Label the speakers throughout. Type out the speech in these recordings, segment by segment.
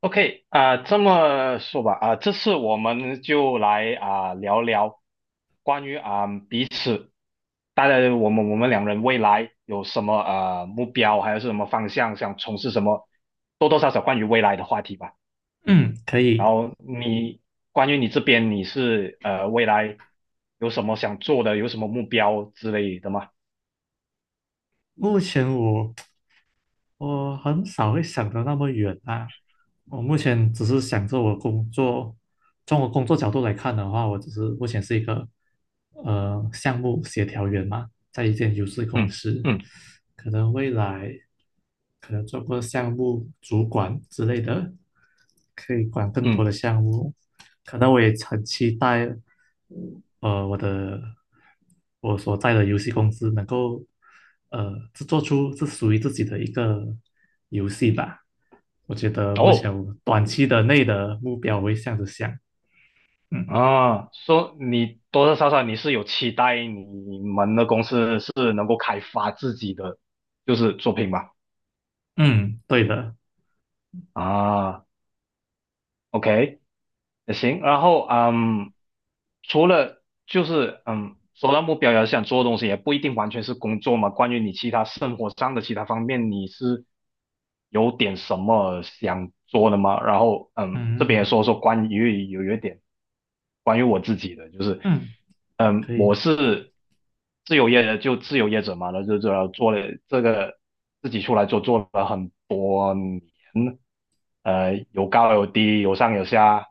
Speaker 1: OK 啊、这么说吧啊、这次我们就来啊、聊聊关于啊、彼此，大家我们两人未来有什么啊、目标，还有是什么方向，想从事什么，多多少少关于未来的话题吧。嗯，
Speaker 2: 嗯，可
Speaker 1: 然
Speaker 2: 以。
Speaker 1: 后你关于你这边你是未来有什么想做的，有什么目标之类的吗？
Speaker 2: 目前我很少会想得那么远啊，我目前只是想着我工作，从我工作角度来看的话，我只是目前是一个项目协调员嘛，在一间游戏公
Speaker 1: 嗯
Speaker 2: 司，
Speaker 1: 嗯
Speaker 2: 可能未来可能做过项目主管之类的，可以管更多
Speaker 1: 嗯，
Speaker 2: 的项目，可能我也很期待。呃，我的我所在的游戏公司能够制作出是属于自己的一个游戏吧。我觉得目前
Speaker 1: 哦。
Speaker 2: 我短期的内的目标我会这样子想，嗯
Speaker 1: 啊，说你多多少少你是有期待你们的公司是能够开发自己的就是作品吧？
Speaker 2: 嗯，对的，
Speaker 1: 啊，OK，也行。然后嗯，除了就是嗯，说到目标要想做的东西，也不一定完全是工作嘛。关于你其他生活上的其他方面，你是有点什么想做的吗？然后嗯，这边也
Speaker 2: 嗯
Speaker 1: 说说关于有一点关于我自己的，就是
Speaker 2: 嗯，嗯，
Speaker 1: 嗯，
Speaker 2: 可
Speaker 1: 我
Speaker 2: 以，
Speaker 1: 是自由业的，就自由业者嘛，然后就主要做了这个自己出来做，做了很多年嗯，有高有低，有上有下，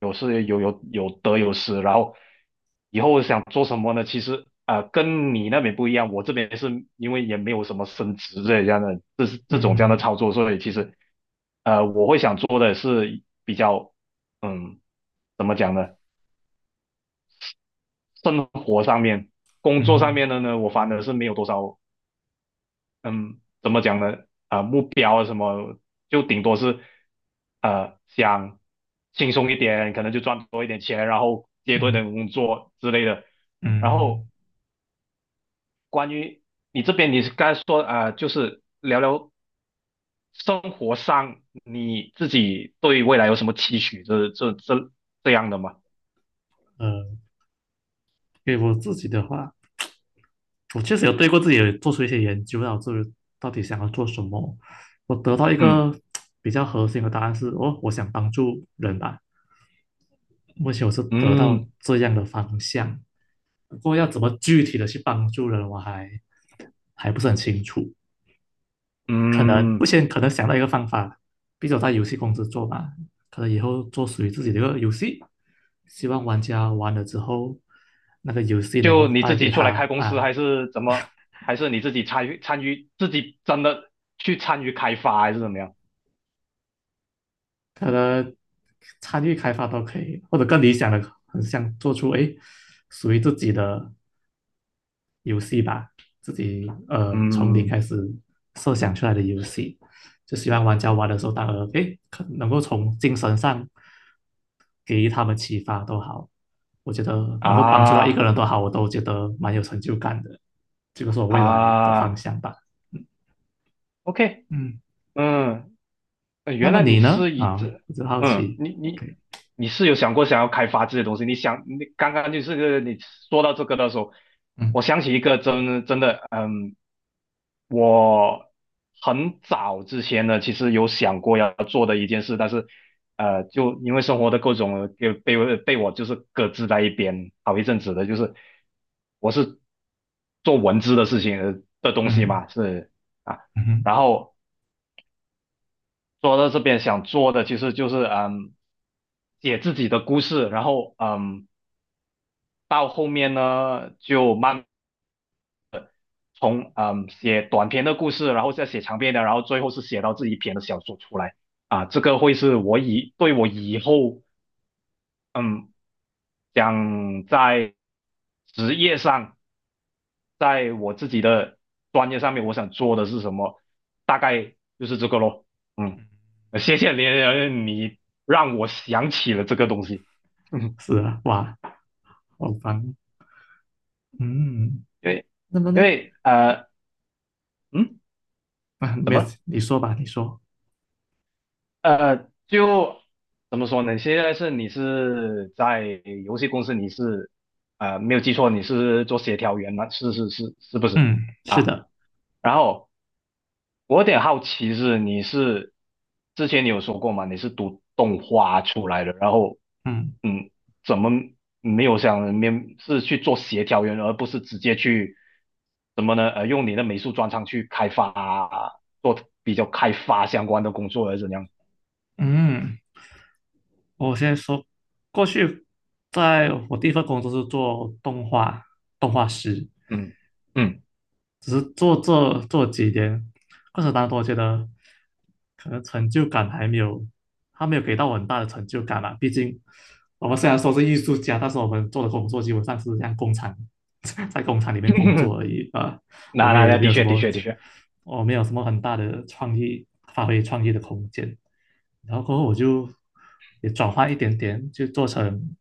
Speaker 1: 有得有失，然后以后想做什么呢？其实啊、跟你那边不一样，我这边是因为也没有什么升职这样的，这是这种这样的
Speaker 2: 嗯
Speaker 1: 操作，所以其实我会想做的是比较嗯，怎么讲呢？生活上面、工作上
Speaker 2: 嗯
Speaker 1: 面的呢，我反而是没有多少嗯，怎么讲呢？啊、目标啊什么，就顶多是想轻松一点，可能就赚多一点钱，然后接多一
Speaker 2: 嗯
Speaker 1: 点工作之类的。
Speaker 2: 嗯
Speaker 1: 然后
Speaker 2: 嗯，
Speaker 1: 关于你这边，你是刚才说啊、就是聊聊生活上你自己对未来有什么期许，这样的吗？
Speaker 2: 呃，给我自己的话。我确实有对过自己有做出一些研究，然后就是到底想要做什么，我得到一
Speaker 1: 嗯
Speaker 2: 个比较核心的答案是，哦，我想帮助人吧。目前我是得到
Speaker 1: 嗯
Speaker 2: 这样的方向，不过要怎么具体的去帮助人，我还不是很清楚。可能目
Speaker 1: 嗯。
Speaker 2: 前可能想到一个方法，毕竟我在游戏公司做吧。可能以后做属于自己的一个游戏，希望玩家玩了之后，那个游戏能
Speaker 1: 就
Speaker 2: 够
Speaker 1: 你
Speaker 2: 带
Speaker 1: 自
Speaker 2: 给
Speaker 1: 己出来开
Speaker 2: 他
Speaker 1: 公司，
Speaker 2: 啊
Speaker 1: 还是怎么？还是你自己参与参与，自己真的去参与开发，还是怎么样？
Speaker 2: 参与开发都可以，或者更理想的，很想做出哎属于自己的游戏吧，自己从零
Speaker 1: 嗯
Speaker 2: 开始设想出来的游戏，就希望玩家玩的时候，当然哎可能够从精神上给予他们启发都好，我觉得能够帮助到一个
Speaker 1: 啊
Speaker 2: 人都好，我都觉得蛮有成就感的，这个是我未来的方
Speaker 1: 啊
Speaker 2: 向吧。嗯
Speaker 1: ，OK，
Speaker 2: 嗯，
Speaker 1: 嗯，
Speaker 2: 那
Speaker 1: 原
Speaker 2: 么
Speaker 1: 来你
Speaker 2: 你呢？
Speaker 1: 是一
Speaker 2: 啊，
Speaker 1: 直，
Speaker 2: 我就好
Speaker 1: 嗯，
Speaker 2: 奇。
Speaker 1: 你是有想过想要开发这些东西？你想，你刚刚就是个你说到这个的时候，我
Speaker 2: 嗯
Speaker 1: 想起一个真的，嗯，我很早之前呢，其实有想过要做的一件事，但是就因为生活的各种给被我就是搁置在一边好一阵子的，就是我是做文字的事情的东西
Speaker 2: 嗯
Speaker 1: 嘛，是啊，
Speaker 2: 嗯哼，
Speaker 1: 然后做到这边想做的其实就是嗯，写自己的故事，然后嗯，到后面呢就慢。从嗯写短篇的故事，然后再写长篇的，然后最后是写到自己篇的小说出来啊，这个会是我以对我以后嗯想在职业上，在我自己的专业上面，我想做的是什么，大概就是这个咯。嗯，谢谢你，你让我想起了这个东西。嗯，
Speaker 2: 是啊，哇，好棒！嗯，
Speaker 1: 对，
Speaker 2: 那么呢？
Speaker 1: 因为嗯，
Speaker 2: 啊，
Speaker 1: 怎
Speaker 2: 没
Speaker 1: 么
Speaker 2: 有，
Speaker 1: 了
Speaker 2: 你说吧，你说。
Speaker 1: 就怎么说呢？现在是你是在游戏公司，你是没有记错，你是做协调员吗？是是是，是不是
Speaker 2: 嗯，是
Speaker 1: 啊？
Speaker 2: 的，
Speaker 1: 然后我有点好奇是你是之前你有说过嘛？你是读动画出来的，然后
Speaker 2: 嗯
Speaker 1: 嗯，怎么没有想面是去做协调员，而不是直接去怎么呢？用你的美术专长去开发，做比较开发相关的工作，还是怎样？
Speaker 2: 嗯，我先说，过去在我第一份工作是做动画师，
Speaker 1: 嗯嗯。
Speaker 2: 只是做做做几年，过程当中我觉得可能成就感还没有，他没有给到我很大的成就感啊。毕竟我们虽然说是艺术家，但是我们做的工作基本上是像工厂，在工厂里面工 作而已啊。我
Speaker 1: 那
Speaker 2: 们
Speaker 1: 那
Speaker 2: 也
Speaker 1: 那
Speaker 2: 没
Speaker 1: 的
Speaker 2: 有什
Speaker 1: 确的
Speaker 2: 么，
Speaker 1: 确的确，
Speaker 2: 我没有什么很大的创意，发挥创意的空间。然后过后我就也转换一点点，就做成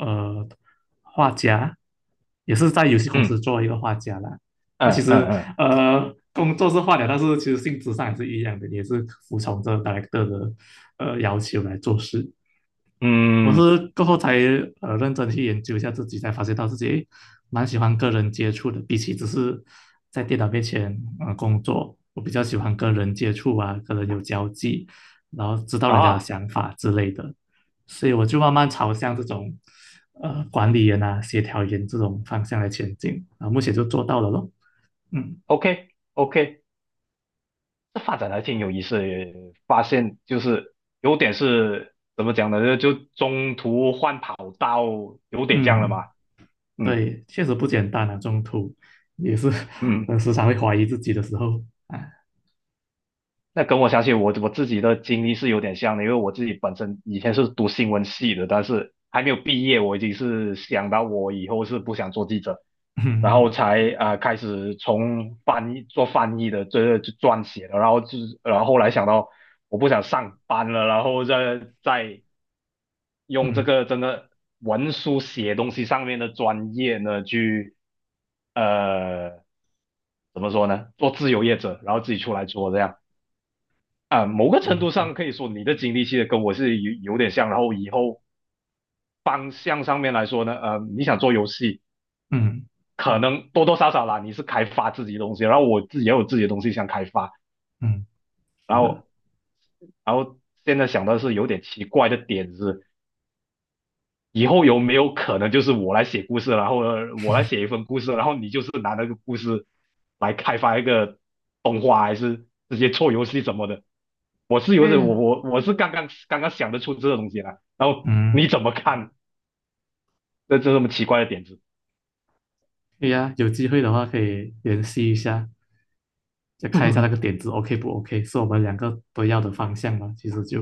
Speaker 2: 呃画家，也是在游戏公司
Speaker 1: 嗯
Speaker 2: 做一个画家啦。那其
Speaker 1: 嗯
Speaker 2: 实
Speaker 1: 嗯
Speaker 2: 工作是画家，但是其实性质上也是一样的，也是服从着 director 的要求来做事。我
Speaker 1: 嗯嗯
Speaker 2: 是过后才认真去研究一下自己，才发现到自己诶蛮喜欢跟人接触的，比起只是在电脑面前工作，我比较喜欢跟人接触啊，跟人有交际，然后知道人家的
Speaker 1: 啊
Speaker 2: 想法之类的，所以我就慢慢朝向这种管理员啊、协调员这种方向来前进啊，目前就做到了咯。嗯
Speaker 1: ，OK OK，这发展还挺有意思的也发现就是有点是怎么讲呢，就中途换跑道，有点这样了
Speaker 2: 嗯，
Speaker 1: 嘛，嗯
Speaker 2: 对，确实不简单啊，中途也是
Speaker 1: 嗯。
Speaker 2: 时常会怀疑自己的时候啊，
Speaker 1: 那跟我想起我自己的经历是有点像的，因为我自己本身以前是读新闻系的，但是还没有毕业，我已经是想到我以后是不想做记者，然
Speaker 2: 嗯
Speaker 1: 后
Speaker 2: 嗯
Speaker 1: 才啊、开始从翻译做翻译的这就撰写的，然后就是然后后来想到我不想上班了，然后再用这
Speaker 2: 嗯。
Speaker 1: 个真的文书写东西上面的专业呢去呃怎么说呢做自由业者，然后自己出来做这样。啊、某个程
Speaker 2: 明
Speaker 1: 度
Speaker 2: 白，
Speaker 1: 上可以说你的经历其实跟我是有点像，然后以后方向上面来说呢，你想做游戏，
Speaker 2: 嗯
Speaker 1: 可能多多少少啦，你是开发自己的东西，然后我自己也有自己的东西想开发，
Speaker 2: 嗯，是
Speaker 1: 然
Speaker 2: 的，
Speaker 1: 后然后现在想到是有点奇怪的点子，以后有没有可能就是我来写故事，然后我来写一份故事，然后你就是拿那个故事来开发一个动画，还是直接做游戏什么的？我是
Speaker 2: 可
Speaker 1: 有
Speaker 2: 以
Speaker 1: 点，我
Speaker 2: 啊，
Speaker 1: 我我是刚刚想得出这个东西来，然后
Speaker 2: 嗯，
Speaker 1: 你怎么看这么奇怪的点子？
Speaker 2: 可以啊，有机会的话可以联系一下，再看一下那个 点子 OK 不 OK，是我们两个都要的方向嘛，其实就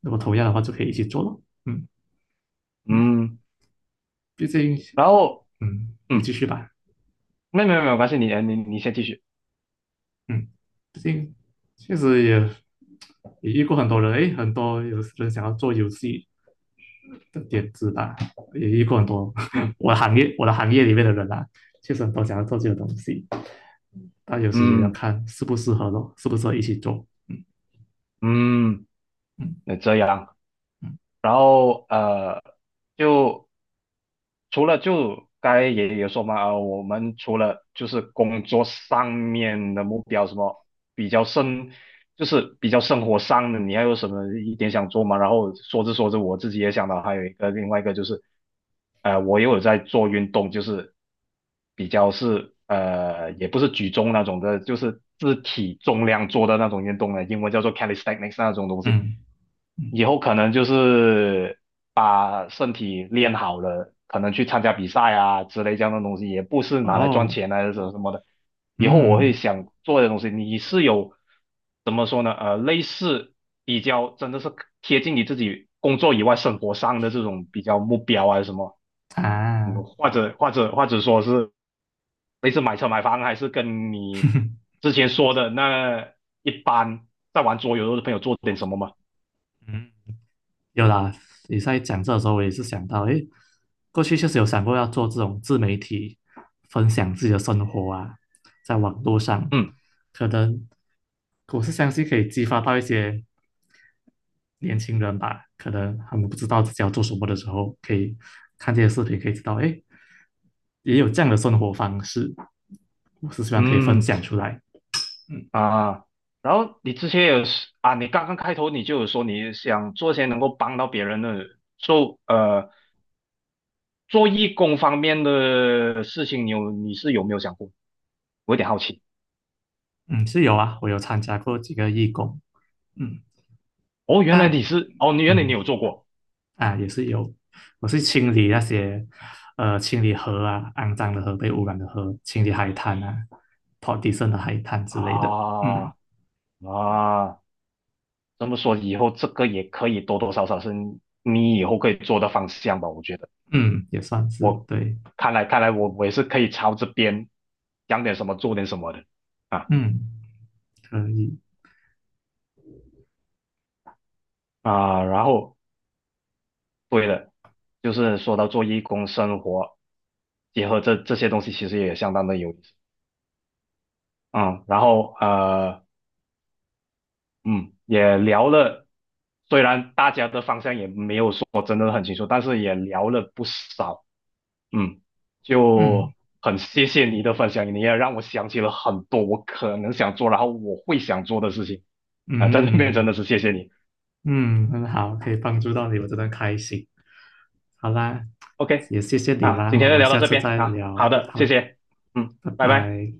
Speaker 2: 如果同样的话就可以一起做了，嗯嗯，
Speaker 1: 嗯，
Speaker 2: 毕竟
Speaker 1: 然后
Speaker 2: 你继
Speaker 1: 嗯，
Speaker 2: 续吧，
Speaker 1: 没有关系，你先继续，
Speaker 2: 嗯毕竟确实也遇过很多人，诶，很多有人想要做游戏的点子吧，也遇过很多
Speaker 1: 嗯
Speaker 2: 我的行业里面的人啊，确实很多想要做这个东西，但有时也要
Speaker 1: 嗯
Speaker 2: 看适不适合咯，适不适合一起做。嗯
Speaker 1: 嗯，
Speaker 2: 嗯
Speaker 1: 那这样。
Speaker 2: 嗯
Speaker 1: 然后就除了就刚才也也说嘛，我们除了就是工作上面的目标，什么比较生，就是比较生活上的，你还有什么一点想做吗？然后说着说着，我自己也想到还有一个另外一个就是，我也有在做运动，就是比较是也不是举重那种的，就是自体重量做的那种运动呢，英文叫做 calisthenics 那种东西。
Speaker 2: 嗯嗯
Speaker 1: 以后可能就是把身体练好了，可能去参加比赛啊之类这样的东西，也不是拿来赚
Speaker 2: 哦，
Speaker 1: 钱啊什么什么的。以后我会
Speaker 2: 嗯
Speaker 1: 想做的东西，你是有怎么说呢？类似比较真的是贴近你自己工作以外生活上的这种比较目标啊什么，嗯，
Speaker 2: 啊，
Speaker 1: 或者说是类似买车买房，还是跟你 之前说的那一般在玩桌游的朋友做点什么吗？
Speaker 2: 嗯有啦，你在讲这的时候，我也是想到，诶，过去确实有想过要做这种自媒体，分享自己的生活啊，在网络上，
Speaker 1: 嗯
Speaker 2: 可能我是相信可以激发到一些年轻人吧，可能他们不知道自己要做什么的时候，可以看这些视频，可以知道，哎，也有这样的生活方式，我是希望可以分
Speaker 1: 嗯。
Speaker 2: 享出来。嗯
Speaker 1: 啊，然后你之前有是啊，你刚刚开头你就有说你想做些能够帮到别人的，做呃做义工方面的事情，你有你是有没有想过？我有点好奇。
Speaker 2: 嗯，是有啊，我有参加过几个义工，嗯，
Speaker 1: 哦，原来
Speaker 2: 但
Speaker 1: 你是哦，你原来
Speaker 2: 嗯
Speaker 1: 你有做过
Speaker 2: 啊也是有，我是清理那些清理河啊，肮脏的河、被污染的河，清理海滩啊，跑地上的海滩之类的，嗯
Speaker 1: 啊啊，这么说以后这个也可以多多少少是你以后可以做的方向吧？我觉得
Speaker 2: 嗯，也算是
Speaker 1: 我
Speaker 2: 对，
Speaker 1: 看来我也是可以朝这边讲点什么做点什么的。啊
Speaker 2: 嗯，可以，
Speaker 1: 啊，然后对的，就是说到做义工生活，结合这些东西，其实也相当的有意思。嗯，然后嗯，也聊了，虽然大家的方向也没有说真的很清楚，但是也聊了不少。嗯，
Speaker 2: 嗯
Speaker 1: 就很谢谢你的分享，你也让我想起了很多我可能想做，然后我会想做的事情。啊、在这边真
Speaker 2: 嗯。
Speaker 1: 的是谢谢你。
Speaker 2: 嗯，很好，可以帮助到你，我真的开心。好啦，
Speaker 1: OK，
Speaker 2: 也谢谢你
Speaker 1: 啊，今
Speaker 2: 啦，
Speaker 1: 天
Speaker 2: 我
Speaker 1: 就
Speaker 2: 们
Speaker 1: 聊到
Speaker 2: 下
Speaker 1: 这
Speaker 2: 次
Speaker 1: 边
Speaker 2: 再
Speaker 1: 啊，好
Speaker 2: 聊。
Speaker 1: 的，
Speaker 2: 好，
Speaker 1: 谢谢，嗯，
Speaker 2: 拜
Speaker 1: 拜拜。
Speaker 2: 拜。